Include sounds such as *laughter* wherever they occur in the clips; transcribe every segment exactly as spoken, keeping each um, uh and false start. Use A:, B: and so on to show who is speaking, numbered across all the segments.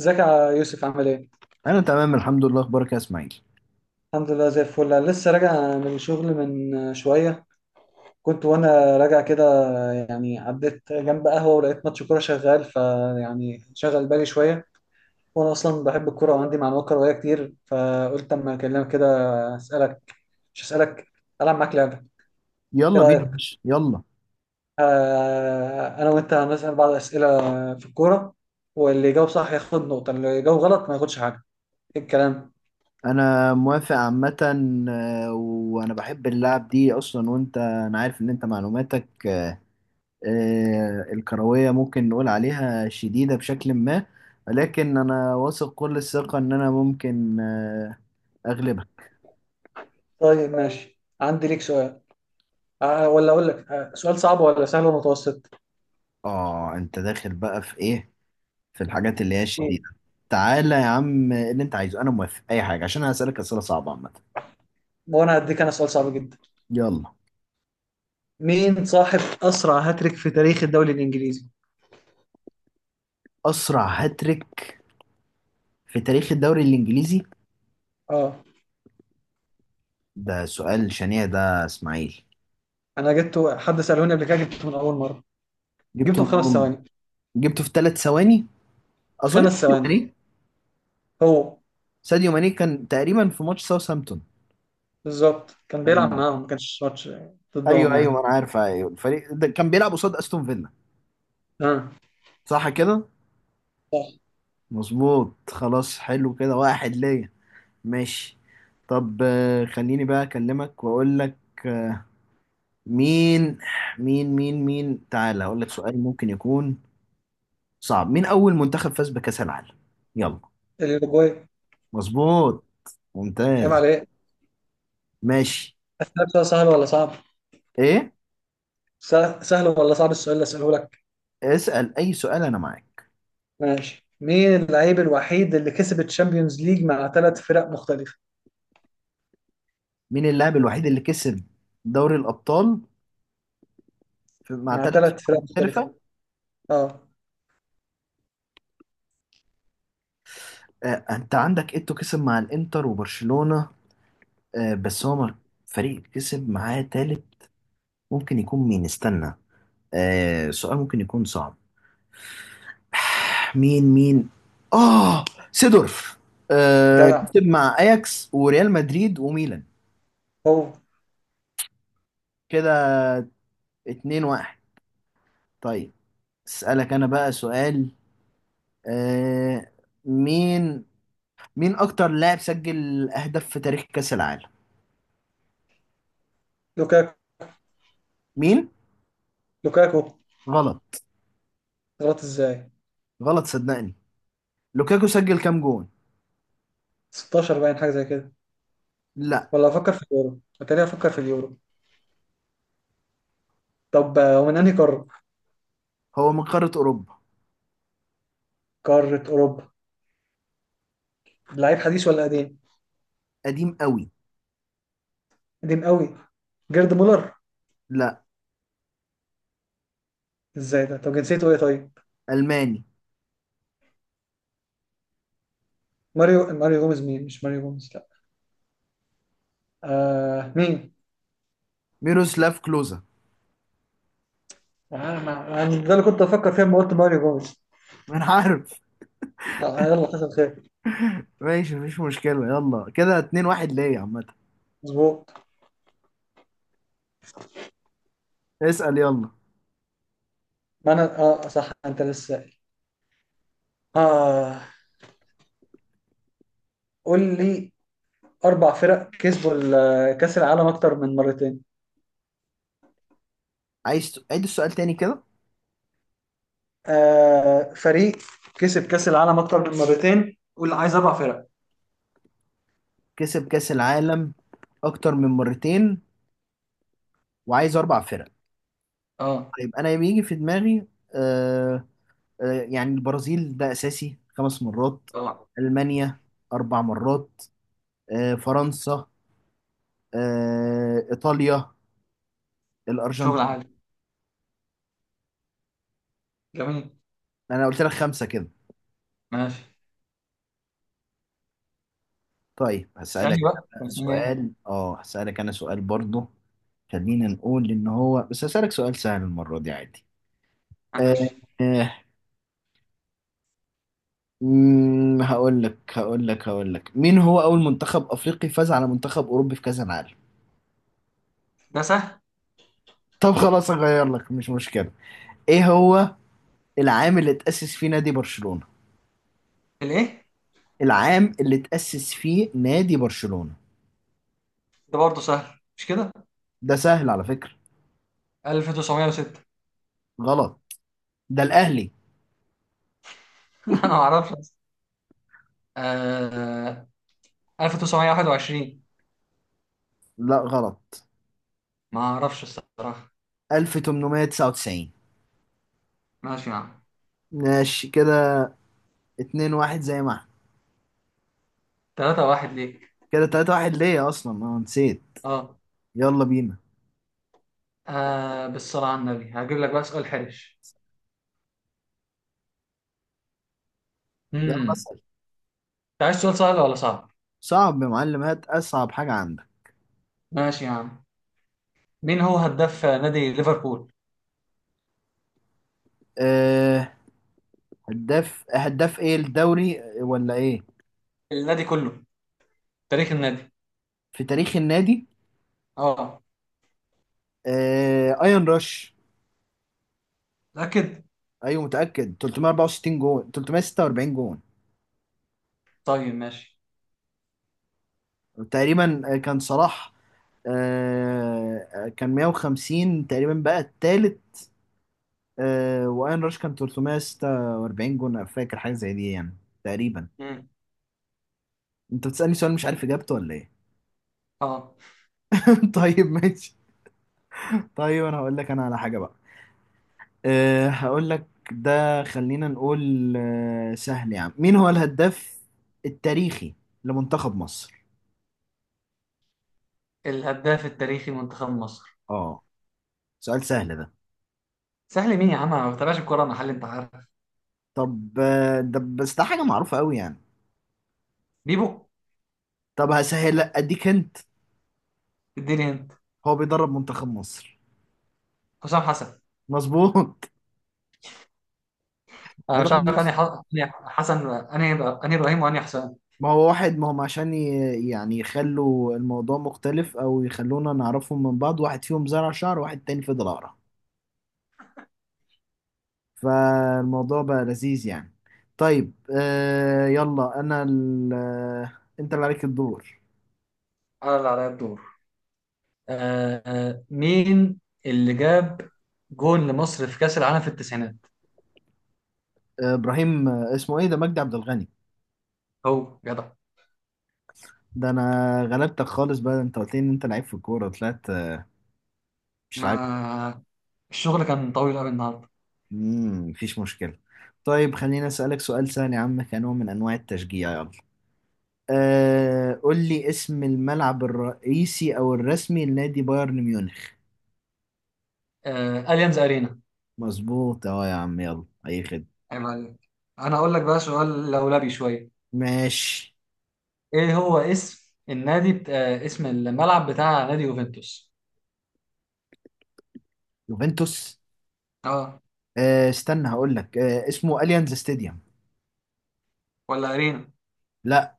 A: ازيك يا يوسف عامل ايه؟
B: انا تمام الحمد لله. اخبارك يا اسماعيل؟
A: الحمد لله زي الفل، أنا لسه راجع من الشغل من شوية. كنت وانا راجع كده، يعني عديت جنب قهوة ولقيت ماتش كورة شغال، فيعني شغل بالي شوية. وانا اصلا بحب الكورة وعندي معلومات كروية كتير، فقلت اما اكلمك كده. اسألك، مش اسألك، العب معاك لعبة. ايه
B: يلا بينا يا
A: رأيك؟
B: باشا، يلا.
A: آه، انا وانت هنسأل بعض اسئلة في الكورة، واللي يجاوب صح ياخد نقطة، اللي يجاوب غلط ما ياخدش حاجة. ايه الكلام؟
B: انا موافق عامه. آه، وانا بحب اللعب دي اصلا، وانت انا عارف ان انت معلوماتك آه، الكرويه ممكن نقول عليها شديده بشكل ما. لكن انا واثق كل الثقه ان انا ممكن آه، اغلبها.
A: طيب ماشي، عندي ليك سؤال. آه ولا اقول لك، آه سؤال صعب ولا سهل ومتوسط.
B: اه انت داخل بقى في ايه؟ في الحاجات اللي هي الشديده؟
A: مم.
B: تعالى يا عم اللي انت عايزه، انا موافق اي حاجه، عشان انا هسالك اسئله صعبه عامه.
A: وانا هديك انا سؤال صعب جدا.
B: يلا.
A: مين صاحب اسرع هاتريك في تاريخ الدوري الانجليزي؟
B: اسرع هاتريك في تاريخ الدوري الإنجليزي؟
A: اه،
B: ده سؤال شنيع ده إسماعيل.
A: انا جبته، حد سالوني قبل كده، جبته من اول مره، جبته
B: جبته
A: في
B: من أول
A: خمس
B: ما-
A: ثواني.
B: جبته في ثلاث ثواني. أظن
A: خمس
B: ساديو
A: ثواني،
B: ماني.
A: هو.
B: ساديو ماني كان تقريبا في ماتش ساوثهامبتون.
A: بالظبط، كان بيلعب
B: ايوه.
A: معاهم، ما كانش ماتش
B: أيوه
A: ضدهم
B: أيوه، ما
A: يعني.
B: أنا عارف. أيوه الفريق ده كان بيلعب قصاد أستون فيلا.
A: اه،
B: صح كده؟
A: صح.
B: مظبوط. خلاص، حلو كده، واحد ليا. ماشي. طب آه، خليني بقى أكلمك وأقول لك. مين مين مين مين تعالى أقول لك سؤال ممكن يكون صعب. مين أول منتخب فاز بكأس العالم؟ يلا.
A: الاوروجواي.
B: مظبوط.
A: عيب
B: ممتاز.
A: عليك.
B: ماشي.
A: اسالك سؤال سهل ولا صعب؟
B: ايه؟
A: سهل سهل ولا صعب السؤال اللي اساله لك؟
B: اسأل اي سؤال انا معاك.
A: ماشي، مين اللعيب الوحيد اللي كسب الشامبيونز ليج مع ثلاث فرق مختلفه؟
B: مين اللاعب الوحيد اللي كسب دوري الابطال في- مع
A: مع
B: ثلاث
A: ثلاث
B: فرق
A: فرق مختلفه،
B: مختلفة؟
A: اه.
B: آه انت عندك ايتو، كسب مع الانتر وبرشلونة. آه بس هو مر- فريق كسب معاه ثالث ممكن يكون مين؟ استنى، آه سؤال ممكن يكون صعب. *sighs* مين مين اه، سيدورف. آه
A: جدع،
B: كسب مع اياكس وريال مدريد وميلان.
A: هو.
B: كده اتنين واحد. طيب اسألك انا بقى سؤال. آه مين مين اكتر لاعب سجل اهداف في تاريخ كاس العالم؟
A: لوكاكو.
B: مين؟
A: لوكاكو.
B: غلط.
A: غلط ازاي؟
B: غلط صدقني. لوكاكو سجل كام جون؟
A: ستاشر باين، حاجه زي كده.
B: لا.
A: ولا افكر في اليورو، اتاري افكر في اليورو. طب، آه، ومن انهي قاره؟
B: هو من قارة اوروبا.
A: قاره اوروبا. لعيب حديث ولا قديم؟
B: قديم قوي.
A: قديم قوي. جيرد مولر.
B: لا.
A: ازاي ده؟ طب جنسيته ايه طيب؟
B: الماني.
A: ماريو، ماريو جوميز. مين؟ مش ماريو جوميز، لا. آه، مين؟
B: ميروسلاف كلوزا.
A: آه ما... أنا ده اللي كنت افكر فيه لما قلت ماريو جوميز.
B: *laughs* ما انا عارف.
A: آه، يلا، حصل خير.
B: ماشي مفيش مشكلة، يلا كده اتنين واحد ليا عامة.
A: مظبوط.
B: اسأل يلا.
A: ما انا، اه صح، انت لسه سائل. اه، قول لي. أربع فرق كسبوا ال- كأس العالم أكتر من مرتين.
B: عايز ت- عيد السؤال تاني كده؟
A: آه، فريق كسب كأس العالم أكتر من مرتين، قول، عايز أربع فرق.
B: كسب كاس العالم اكتر من مرتين وعايز اربع فرق.
A: أه.
B: طيب انا يجي في دماغي آه، آه، يعني البرازيل ده أساسي، خمس مرات.
A: طبعا.
B: ألمانيا، أربع مرات. آه، فرنسا. آه، إيطاليا.
A: شغل
B: الأرجنتين.
A: عالي. جميل.
B: أنا قلت لك خمسة كده.
A: ماشي،
B: طيب هسألك
A: اسألني بقى.
B: أنا
A: طب
B: بقى
A: اسألني إيه؟
B: سؤال. أه هسألك أنا سؤال برضه خلينا نقول إن هو، بس هسألك سؤال سهل المرة دي عادي. آه،
A: ماشي.
B: آه، مم، هقول لك هقول لك هقول لك مين هو أول منتخب أفريقي فاز على منتخب أوروبي في كأس العالم؟
A: ده سهل.
B: طب خلاص أغير لك، مش مشكلة. إيه هو العام اللي اتأسس فيه نادي برشلونة؟
A: الإيه؟
B: العام اللي تأسس فيه نادي برشلونة.
A: ده برضه سهل، مش كده؟
B: ده سهل على فكرة.
A: ألف وتسعمية وستة.
B: غلط، ده الأهلي.
A: *laughs* أنا ما أعرفش أصلاً. آه، ألف وتسعمية وواحد وعشرين.
B: لا غلط.
A: ما أعرفش الصراحة.
B: ألف وتمنمية تسعة وتسعين.
A: ماشي يا عم.
B: ماشي كده. اتنين واحد زي ما احنا.
A: ثلاثة واحد ليك.
B: كده تلاتة واحد ليا، أصلا أنا نسيت.
A: أه.
B: يلا بينا.
A: آه، بالصلاة على النبي، هجيب لك بقى سؤال حرش.
B: يلا
A: امم
B: اسأل.
A: انت عايز سؤال سهل ولا صعب؟
B: صعب يا معلم، هات أصعب حاجة عندك.
A: ماشي يا عم، مين هو هداف نادي ليفربول؟
B: أه. هداف هداف إيه، الدوري ولا إيه؟
A: النادي كله، تاريخ النادي.
B: في تاريخ النادي.
A: اه.
B: أه أيان راش.
A: متأكد؟
B: أيوه متأكد، تلتمية وأربعة وستين جون، تلتمية ستة وأربعين جون
A: طيب ماشي.
B: تقريبا. آه، كان صلاح آه كان مية وخمسين تقريبا، بقى التالت. آه واين راش كان ثلاثمائة وستة وأربعين جون، أنا فاكر حاجه زي دي يعني، تقريبا.
A: مم.
B: انت بتسالني سؤال مش عارف اجابته ولا ايه؟
A: اه.
B: *laughs* طيب ماشي. طيب انا هقول لك انا على حاجه بقى. آه هقول لك. ده خلينا نقول آه سهل يا عم، مين هو الهداف التاريخي لمنتخب مصر؟
A: الهداف التاريخي لمنتخب مصر.
B: اه، سؤال سهل ده؟
A: سهل مين يا عم، انا ما بتابعش الكورة، انا حل انت عارف.
B: طب آه، ده بس، ده حاجه معروفه قوي يعني.
A: بيبو.
B: طب هسهل، اديك انت.
A: اديني انت.
B: هو بيدرب منتخب مصر.
A: حسام حسن.
B: مظبوط.
A: انا مش
B: أدخل
A: عارف
B: مصر.
A: انهي ح- انهي حسن، انهي، انهي ابراهيم وانهي حسام.
B: ما هو واحد، ما هم عشان ي- يعني يخلوا الموضوع مختلف او يخلونا نعرفهم من بعض، واحد فيهم زرع شعر واحد تاني فضل اقرع، فالموضوع بقى لذيذ يعني. طيب آه يلا انا ال... آه، انت اللي عليك الدور.
A: انا اللي عليا الدور. آه، آه مين اللي جاب جون لمصر في كأس العالم في التسعينات؟
B: آه ابراهيم آه، اسمه ايه ده، مجدي عبد الغني.
A: هو جدع.
B: ده انا غلبتك خالص بقى، انت قلت لي ان انت لعيب في الكوره، طلعت آه، مش لعيب خالص.
A: ما الشغل كان طويل قوي النهارده.
B: امم مفيش مشكله. طيب خليني اسالك سؤال سهل يا عم كنوع من انواع التشجيع، يلا. آه قول لي اسم الملعب الرئيسي او الرسمي لنادي بايرن ميونخ.
A: آه، أليانز أرينا.
B: مظبوط اه يا عم، يلا اي خدمه.
A: عيب عليك. انا هقول لك بقى سؤال لولبي شويه.
B: ماشي.
A: إيه هو اسم النادي بت... آه، اسم الملعب بتاع نادي يوفنتوس؟
B: يوفنتوس.
A: اه.
B: آه استنى هقول لك. آه اسمه اليانز ستاديوم.
A: ولا ارينا؟
B: لا.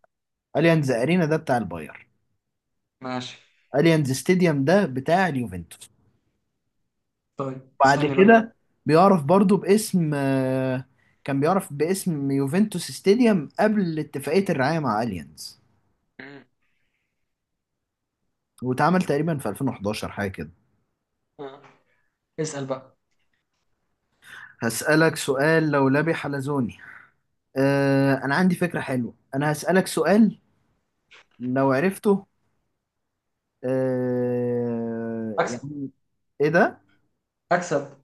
B: اليانز ارينا ده بتاع الباير.
A: ماشي.
B: اليانز ستاديوم ده بتاع اليوفنتوس.
A: طيب
B: بعد
A: اسالني بقى.
B: كده بيعرف برضو باسم آه كان بيعرف باسم يوفنتوس ستاديوم قبل اتفاقية الرعاية مع اليانز.
A: مم.
B: واتعمل تقريبا في ألفين وإحداشر، حاجة كده.
A: آه. اسأل بقى.
B: هسألك سؤال لولبي حلزوني. آه، أنا عندي فكرة حلوة، أنا هسألك سؤال لو عرفته آه،
A: أكسب.
B: يعني. إيه ده؟
A: اكسب.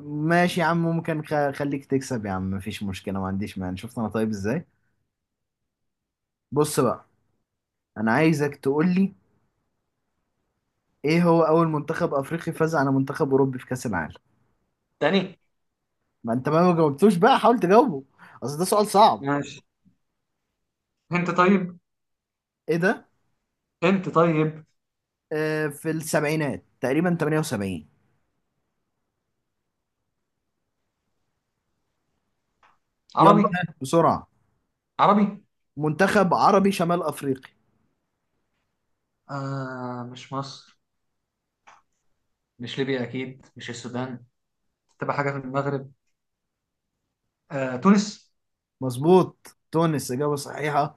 B: ماشي يا عم، ممكن خ- خليك تكسب يا عم مفيش مشكلة، ما عنديش مانع، شفت أنا؟ طيب إزاي؟ بص بقى، أنا عايزك تقول لي إيه هو أول منتخب أفريقي فاز على منتخب أوروبي في كأس العالم؟
A: تاني.
B: ما أنت ما ما جاوبتوش بقى، حاول تجاوبه، أصل ده سؤال صعب.
A: ماشي. انت طيب.
B: إيه ده؟
A: انت طيب.
B: آه، في السبعينات تقريبا، تمانية وسبعين. يلا
A: عربي.
B: بسرعة.
A: عربي.
B: منتخب عربي شمال أفريقي.
A: آه، مش مصر، مش ليبيا أكيد، مش السودان. تبقى حاجه في المغرب. آه، تونس.
B: مظبوط، تونس، إجابة صحيحة.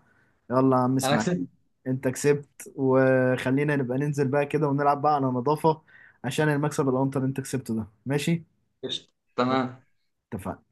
B: يلا يا عم
A: أنا أكسب.
B: إسماعيل. أنت كسبت، وخلينا نبقى ننزل بقى كده ونلعب بقى على نظافة، عشان المكسب الأنطر اللي أنت كسبته ده، ماشي؟
A: قشطة.
B: يلا.
A: تمام.
B: اتفقنا.